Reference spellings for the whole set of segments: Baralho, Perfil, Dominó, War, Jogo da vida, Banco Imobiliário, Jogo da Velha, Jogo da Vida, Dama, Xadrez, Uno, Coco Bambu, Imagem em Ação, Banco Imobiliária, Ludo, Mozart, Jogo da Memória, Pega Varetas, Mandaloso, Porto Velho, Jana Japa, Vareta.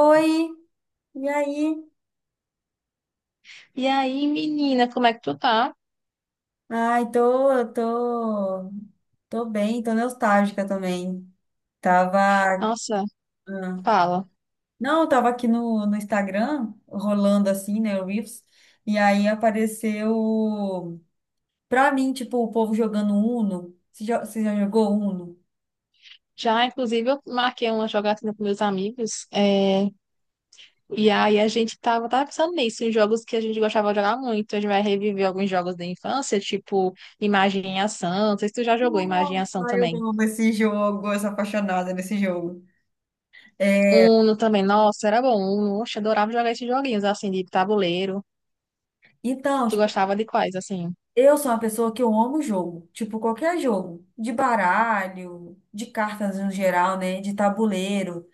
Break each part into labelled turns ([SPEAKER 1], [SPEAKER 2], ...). [SPEAKER 1] Oi, e aí?
[SPEAKER 2] E aí, menina, como é que tu tá?
[SPEAKER 1] Ai, tô bem, tô nostálgica também. Tava,
[SPEAKER 2] Nossa,
[SPEAKER 1] ah,
[SPEAKER 2] fala.
[SPEAKER 1] não, eu tava aqui no Instagram, rolando assim, né, o Reels, e aí apareceu, pra mim, tipo, o povo jogando Uno. Você já jogou Uno?
[SPEAKER 2] Já, inclusive, eu marquei uma jogatina com meus amigos. E aí a gente tava pensando nisso, em jogos que a gente gostava de jogar muito. A gente vai reviver alguns jogos da infância, tipo Imagem em Ação. Não sei se tu já jogou Imagem em
[SPEAKER 1] Nossa,
[SPEAKER 2] Ação
[SPEAKER 1] eu
[SPEAKER 2] também.
[SPEAKER 1] amo esse jogo, eu sou apaixonada nesse jogo.
[SPEAKER 2] Uno também, nossa, era bom. Uno, oxe, adorava jogar esses joguinhos, assim, de tabuleiro.
[SPEAKER 1] Então,
[SPEAKER 2] Tu
[SPEAKER 1] tipo,
[SPEAKER 2] gostava de quais, assim?
[SPEAKER 1] eu sou uma pessoa que eu amo jogo, tipo qualquer jogo, de baralho, de cartas no geral, né, de tabuleiro,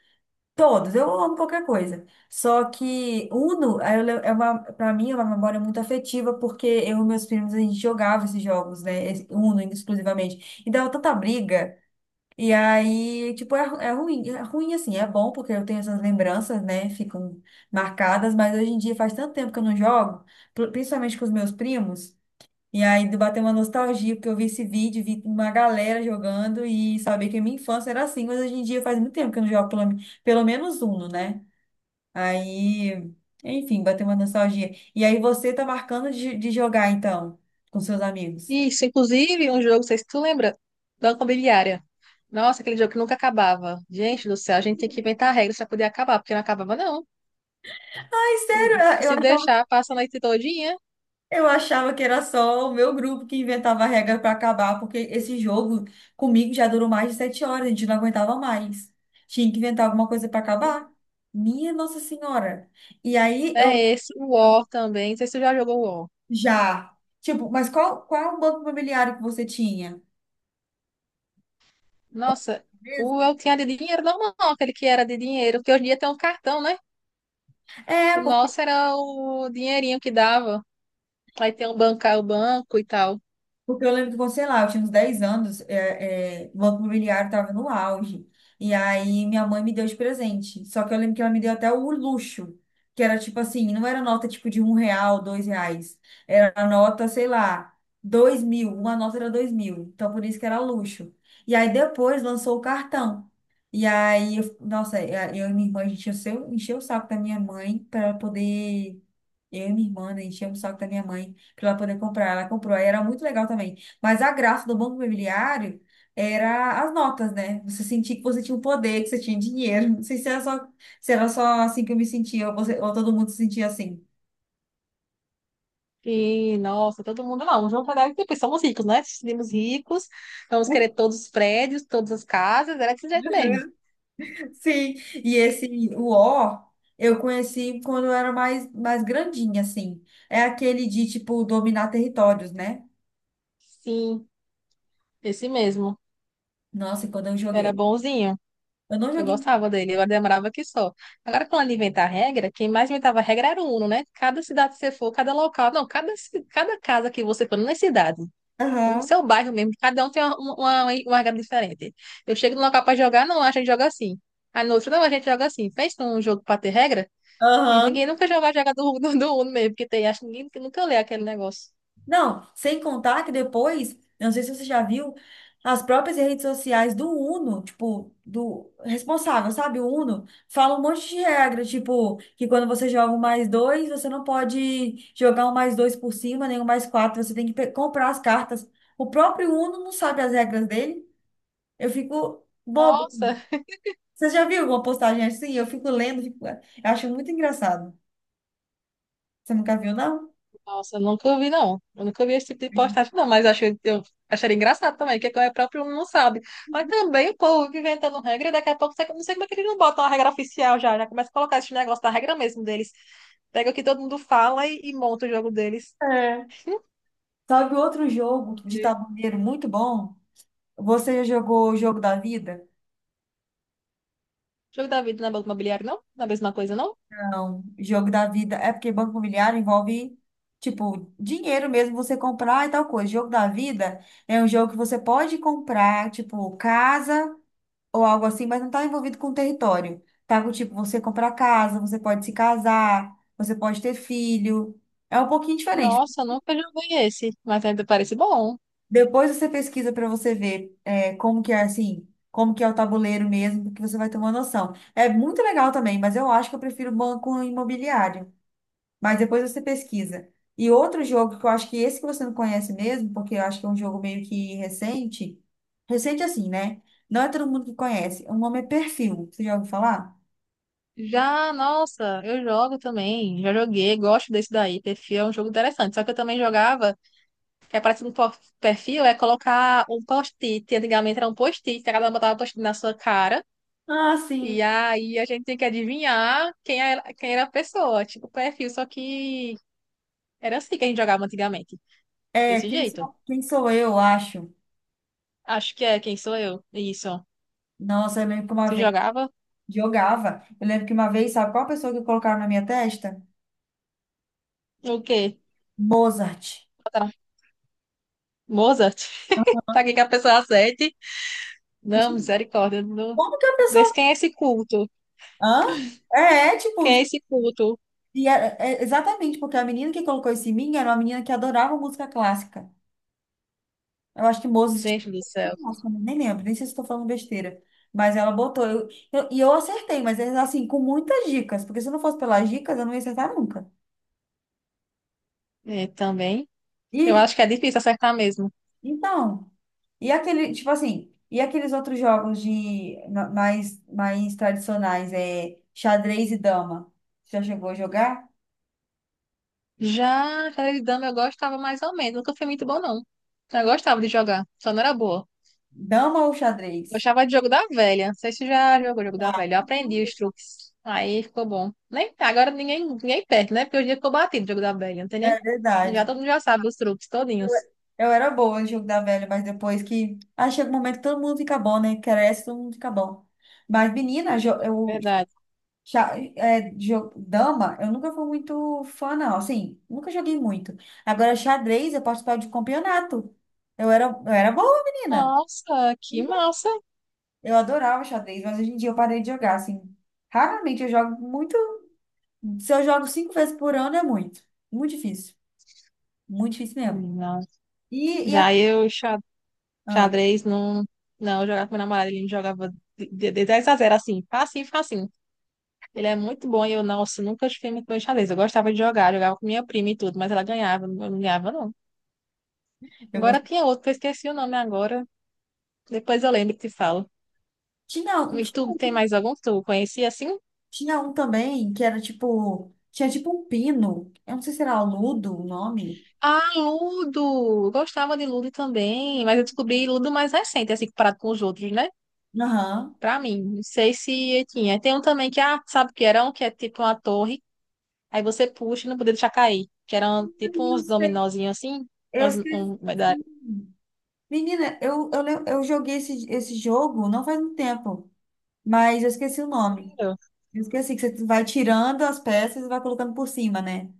[SPEAKER 1] todos, eu amo qualquer coisa. Só que Uno aí eu le- é uma, para mim é uma memória muito afetiva porque eu e meus primos a gente jogava esses jogos, né, esse Uno exclusivamente. E dava tanta briga. E aí, tipo, é ruim assim, é bom porque eu tenho essas lembranças, né, ficam marcadas, mas hoje em dia faz tanto tempo que eu não jogo, principalmente com os meus primos. E aí bateu uma nostalgia, porque eu vi esse vídeo, vi uma galera jogando e sabia que a minha infância era assim, mas hoje em dia faz muito tempo que eu não jogo pelo, pelo menos Uno, né? Aí, enfim, bateu uma nostalgia. E aí você tá marcando de jogar, então, com seus amigos.
[SPEAKER 2] Isso, inclusive, um jogo, não sei se tu lembra, Banco Imobiliária. Nossa, aquele jogo que nunca acabava. Gente do céu, a gente tem que inventar regras para poder acabar, porque não acabava, não.
[SPEAKER 1] Ai, sério,
[SPEAKER 2] Se deixar, passa a noite todinha.
[SPEAKER 1] eu achava que era só o meu grupo que inventava a regra pra acabar, porque esse jogo comigo já durou mais de 7 horas, a gente não aguentava mais. Tinha que inventar alguma coisa pra acabar. Minha Nossa Senhora. E aí eu.
[SPEAKER 2] É esse, o War também. Não sei se tu já jogou o War.
[SPEAKER 1] Já. Tipo, mas qual é o banco imobiliário que você tinha?
[SPEAKER 2] Nossa,
[SPEAKER 1] Mesmo?
[SPEAKER 2] o eu tinha de dinheiro normal, aquele que era de dinheiro, porque hoje em dia tem um cartão, né?
[SPEAKER 1] É.
[SPEAKER 2] O nosso era o dinheirinho que dava. Aí tem um banco, o banco e tal.
[SPEAKER 1] Porque eu lembro que você lá, eu tinha uns 10 anos, o Banco Imobiliário estava no auge. E aí minha mãe me deu de presente. Só que eu lembro que ela me deu até o luxo, que era tipo assim, não era nota tipo de R$ 1, R$ 2. Era a nota, sei lá, 2.000. Uma nota era 2.000. Então por isso que era luxo. E aí depois lançou o cartão. E aí, nossa, é, eu e minha irmã, a gente encheu, encheu o saco da minha mãe para poder eu e minha irmã, né, enchemos o saco da minha mãe para ela poder comprar. Ela comprou, aí era muito legal também. Mas a graça do Banco Imobiliário era as notas, né? Você sentia que você tinha um poder, que você tinha dinheiro. Não sei se era só assim que eu me sentia, ou ou todo mundo se sentia assim.
[SPEAKER 2] E, nossa, todo mundo, não, vamos pagar, depois somos ricos, né? Seremos ricos, vamos querer todos os prédios, todas as casas, era desse jeito mesmo.
[SPEAKER 1] Sim, e esse o O eu conheci quando eu era mais grandinha, assim. É aquele de, tipo, dominar territórios, né?
[SPEAKER 2] Sim, esse mesmo,
[SPEAKER 1] Nossa, e quando eu
[SPEAKER 2] era
[SPEAKER 1] joguei.
[SPEAKER 2] bonzinho,
[SPEAKER 1] Eu não
[SPEAKER 2] eu
[SPEAKER 1] joguei.
[SPEAKER 2] gostava dele, eu demorava aqui só. Agora, quando ele inventar regra, quem mais inventava regra era o Uno, né? Cada cidade que você for, cada local, não, cada, cada casa que você for, não é cidade, o
[SPEAKER 1] Aham.
[SPEAKER 2] seu bairro mesmo, cada um tem uma regra diferente. Eu chego no local para jogar, não, a gente joga assim. Aí no outro, não, a gente joga assim. Fez um jogo para ter regra? E ninguém
[SPEAKER 1] Aham.
[SPEAKER 2] nunca já vai jogar do Uno mesmo, porque tem, acho que ninguém nunca lê aquele negócio.
[SPEAKER 1] Não, sem contar que depois, eu não sei se você já viu, as próprias redes sociais do Uno, tipo, do responsável, sabe? O Uno fala um monte de regra, tipo, que quando você joga um mais dois, você não pode jogar um mais dois por cima, nem um mais quatro, você tem que comprar as cartas. O próprio Uno não sabe as regras dele. Eu fico bobo.
[SPEAKER 2] Nossa,
[SPEAKER 1] Você já viu alguma postagem assim? Eu fico lendo, fico, eu acho muito engraçado. Você nunca viu, não?
[SPEAKER 2] nossa, eu nunca vi, não. Eu nunca vi esse tipo de postagem, não, mas eu acharia engraçado também, que é próprio não sabe. Mas também o povo fica inventando regra, e daqui a pouco você- não sei como é que eles não botam a regra oficial já, já começa a colocar esse negócio da regra mesmo deles. Pega o que todo mundo fala e monta o jogo deles.
[SPEAKER 1] É. Sabe outro jogo de
[SPEAKER 2] Ok.
[SPEAKER 1] tabuleiro muito bom? Você já jogou o jogo da vida?
[SPEAKER 2] Jogo da vida na banca imobiliária, não? Na mesma coisa, não?
[SPEAKER 1] Não. Jogo da vida é porque banco imobiliário envolve, tipo, dinheiro mesmo, você comprar e tal coisa. Jogo da vida é um jogo que você pode comprar, tipo, casa ou algo assim, mas não tá envolvido com território. Tá com, tipo, você comprar casa, você pode se casar, você pode ter filho. É um pouquinho diferente.
[SPEAKER 2] Nossa, eu nunca joguei esse, mas ainda parece bom.
[SPEAKER 1] Depois você pesquisa para você ver é, como que é assim, como que é o tabuleiro mesmo, porque você vai ter uma noção. É muito legal também, mas eu acho que eu prefiro banco imobiliário. Mas depois você pesquisa. E outro jogo que eu acho que esse que você não conhece mesmo, porque eu acho que é um jogo meio que recente, recente assim, né? Não é todo mundo que conhece. O nome é Perfil. Você já ouviu falar?
[SPEAKER 2] Já, nossa, eu jogo também. Já joguei, gosto desse daí. Perfil é um jogo interessante. Só que eu também jogava, que é parecido com perfil, é colocar um post-it. Antigamente era um post-it, cada um botava um post-it na sua cara.
[SPEAKER 1] Ah, sim.
[SPEAKER 2] E aí a gente tinha que adivinhar quem era a pessoa, tipo perfil. Só que era assim que a gente jogava antigamente.
[SPEAKER 1] É,
[SPEAKER 2] Desse jeito.
[SPEAKER 1] quem sou eu, acho.
[SPEAKER 2] Acho que é quem sou eu. Isso.
[SPEAKER 1] Nossa, eu lembro que uma
[SPEAKER 2] Se
[SPEAKER 1] vez
[SPEAKER 2] jogava,
[SPEAKER 1] jogava. Eu lembro que uma vez, sabe qual pessoa que colocaram na minha testa?
[SPEAKER 2] o quê?
[SPEAKER 1] Mozart.
[SPEAKER 2] Botaram Mozart? Pra que que a pessoa acerte? Não, misericórdia. Não,
[SPEAKER 1] Como que a pessoa.
[SPEAKER 2] desse quem é esse culto?
[SPEAKER 1] Hã? É, é,
[SPEAKER 2] Que
[SPEAKER 1] tipo.
[SPEAKER 2] é esse culto?
[SPEAKER 1] E é exatamente, porque a menina que colocou esse em mim era uma menina que adorava música clássica. Eu acho que Mozart
[SPEAKER 2] Gente do
[SPEAKER 1] era
[SPEAKER 2] céu.
[SPEAKER 1] clássico, né? Nem lembro, nem sei se estou falando besteira. Mas ela botou. E eu acertei, mas é assim, com muitas dicas, porque se não fosse pelas dicas, eu não ia acertar nunca.
[SPEAKER 2] É, também. Eu
[SPEAKER 1] E
[SPEAKER 2] acho que é difícil acertar mesmo.
[SPEAKER 1] então, e aquele, tipo assim, e aqueles outros jogos de mais tradicionais, é xadrez e dama? Você já chegou a jogar?
[SPEAKER 2] Já xadrez de dama eu gostava mais ou menos. Nunca fui muito bom, não. Eu gostava de jogar, só não era boa.
[SPEAKER 1] Dama ou xadrez?
[SPEAKER 2] Gostava de jogo da velha. Não sei se já jogou jogo da
[SPEAKER 1] Dá,
[SPEAKER 2] velha. Eu aprendi os truques. Aí ficou bom. Nem, agora ninguém perde, né? Porque hoje em dia ficou batido o jogo da velha. Não tem nem.
[SPEAKER 1] é
[SPEAKER 2] Já
[SPEAKER 1] verdade.
[SPEAKER 2] todo mundo já sabe os truques todinhos.
[SPEAKER 1] Eu era boa no jogo da velha, mas depois que. Ah, chega um momento que todo mundo fica bom, né? Cresce, todo mundo fica bom. Mas, menina, jo- eu.
[SPEAKER 2] Verdade.
[SPEAKER 1] Xa- é, jo- Dama, eu nunca fui muito fã, não. Assim, nunca joguei muito. Agora, xadrez, eu participava de campeonato. Eu era boa, menina.
[SPEAKER 2] Nossa, que massa.
[SPEAKER 1] Eu adorava xadrez, mas hoje em dia eu parei de jogar, assim. Raramente eu jogo muito. Se eu jogo cinco vezes por ano, é muito. Muito difícil. Muito difícil mesmo.
[SPEAKER 2] Nossa.
[SPEAKER 1] E
[SPEAKER 2] Já eu,
[SPEAKER 1] ah,
[SPEAKER 2] xadrez, não. Não, eu jogava com meu namorado, ele me jogava de 10-0, assim, facinho, facinho. Ele é muito bom e eu, nossa, nunca fiquei muito bom em xadrez. Eu gostava de jogar, jogava com minha prima e tudo, mas ela ganhava, eu não ganhava, não.
[SPEAKER 1] eu
[SPEAKER 2] Agora
[SPEAKER 1] gosto.
[SPEAKER 2] tinha outro, que eu esqueci o nome agora. Depois eu lembro e te falo.
[SPEAKER 1] Tinha, um-
[SPEAKER 2] E
[SPEAKER 1] tinha,
[SPEAKER 2] tu
[SPEAKER 1] um
[SPEAKER 2] tem
[SPEAKER 1] que-
[SPEAKER 2] mais algum que tu conhecia assim?
[SPEAKER 1] tinha um também que era tipo. Tinha tipo um pino. Eu não sei se era aludo o nome.
[SPEAKER 2] Ah, Ludo! Eu gostava de Ludo também, mas eu descobri Ludo mais recente, assim, comparado com os outros, né?
[SPEAKER 1] Aham.
[SPEAKER 2] Pra mim, não sei se tinha. Tem um também que, ah, sabe o que era? Um que é tipo uma torre. Aí você puxa e não podia deixar cair. Que eram
[SPEAKER 1] Ai,
[SPEAKER 2] tipo
[SPEAKER 1] eu
[SPEAKER 2] uns
[SPEAKER 1] sei.
[SPEAKER 2] dominozinhos assim.
[SPEAKER 1] Eu
[SPEAKER 2] Umas,
[SPEAKER 1] esqueci.
[SPEAKER 2] um, da
[SPEAKER 1] Menina, eu joguei esse, jogo não faz muito tempo, mas eu esqueci o nome.
[SPEAKER 2] sério?
[SPEAKER 1] Eu esqueci que você vai tirando as peças e vai colocando por cima, né?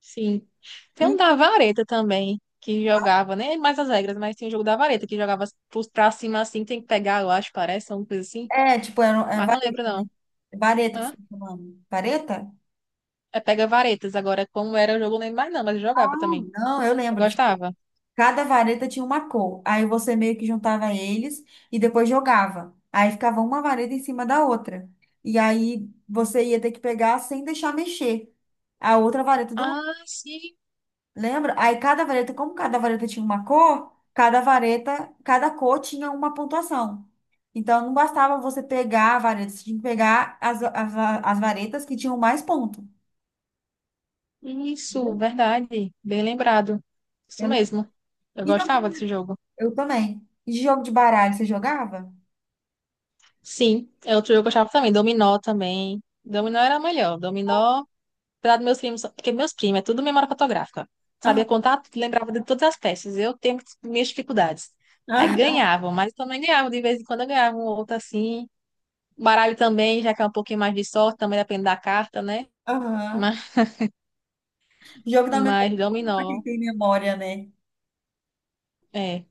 [SPEAKER 2] Sim. Tem
[SPEAKER 1] E,
[SPEAKER 2] um da vareta também, que jogava, nem mais as regras, mas tinha um jogo da vareta, que jogava pra cima assim, tem que pegar, eu acho, parece, alguma coisa assim.
[SPEAKER 1] é
[SPEAKER 2] Mas não lembro,
[SPEAKER 1] vareta,
[SPEAKER 2] não.
[SPEAKER 1] né? Vareta que você
[SPEAKER 2] Hã?
[SPEAKER 1] tá falando. Vareta?
[SPEAKER 2] É pega varetas. Agora, como era o jogo, eu não lembro mais, não, mas eu jogava também.
[SPEAKER 1] Não, eu
[SPEAKER 2] Eu
[SPEAKER 1] lembro, tipo,
[SPEAKER 2] gostava.
[SPEAKER 1] cada vareta tinha uma cor. Aí você meio que juntava eles e depois jogava. Aí ficava uma vareta em cima da outra. E aí você ia ter que pegar sem deixar mexer a outra vareta do lado.
[SPEAKER 2] Ah, sim.
[SPEAKER 1] Lembra? Aí cada vareta, como cada vareta tinha uma cor, cada vareta, cada cor tinha uma pontuação. Então não bastava você pegar a vareta, você tinha que pegar as varetas que tinham mais ponto.
[SPEAKER 2] Isso,
[SPEAKER 1] Entendeu?
[SPEAKER 2] verdade. Bem lembrado. Isso
[SPEAKER 1] Eu lembro.
[SPEAKER 2] mesmo. Eu
[SPEAKER 1] E jogo, de
[SPEAKER 2] gostava desse
[SPEAKER 1] baralho?
[SPEAKER 2] jogo.
[SPEAKER 1] Eu também. E de jogo de baralho, você jogava?
[SPEAKER 2] Sim, é outro jogo que eu gostava também. Dominó também. Dominó era melhor. Dominó, apesar dos meus primos, porque meus primos é tudo memória fotográfica. Sabia
[SPEAKER 1] Aham.
[SPEAKER 2] contar tudo, lembrava de todas as peças. Eu tenho minhas dificuldades. Aí ganhavam, mas também ganhavam. De vez em quando eu ganhava um ou outro assim. Baralho também, já que é um pouquinho mais de sorte, também depende da carta, né?
[SPEAKER 1] Aham.
[SPEAKER 2] Mas,
[SPEAKER 1] Jogo da memória,
[SPEAKER 2] mas
[SPEAKER 1] pra quem
[SPEAKER 2] dominó,
[SPEAKER 1] tem memória, né?
[SPEAKER 2] é.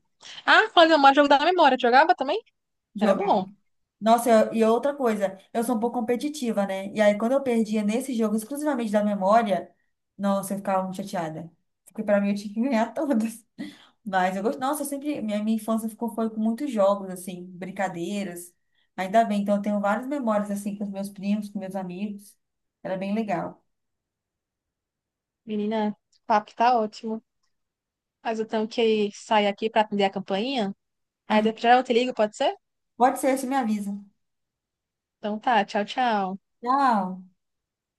[SPEAKER 2] Ah, falando de memória, jogo da memória. Tu jogava também? Era
[SPEAKER 1] Jogava.
[SPEAKER 2] bom.
[SPEAKER 1] Nossa, e outra coisa, eu sou um pouco competitiva, né? E aí, quando eu perdia nesse jogo, exclusivamente da memória, nossa, eu ficava muito chateada. Porque pra mim eu tinha que ganhar todas. Mas eu gosto. Nossa, eu sempre. Minha infância ficou, foi com muitos jogos, assim, brincadeiras. Ainda bem, então eu tenho várias memórias, assim, com os meus primos, com meus amigos. Era bem legal.
[SPEAKER 2] Menina, o papo tá ótimo. Mas eu tenho que sair aqui para atender a campainha. Aí depois eu te ligo, pode ser?
[SPEAKER 1] Pode ser, você me avisa.
[SPEAKER 2] Então tá, tchau, tchau.
[SPEAKER 1] Tchau.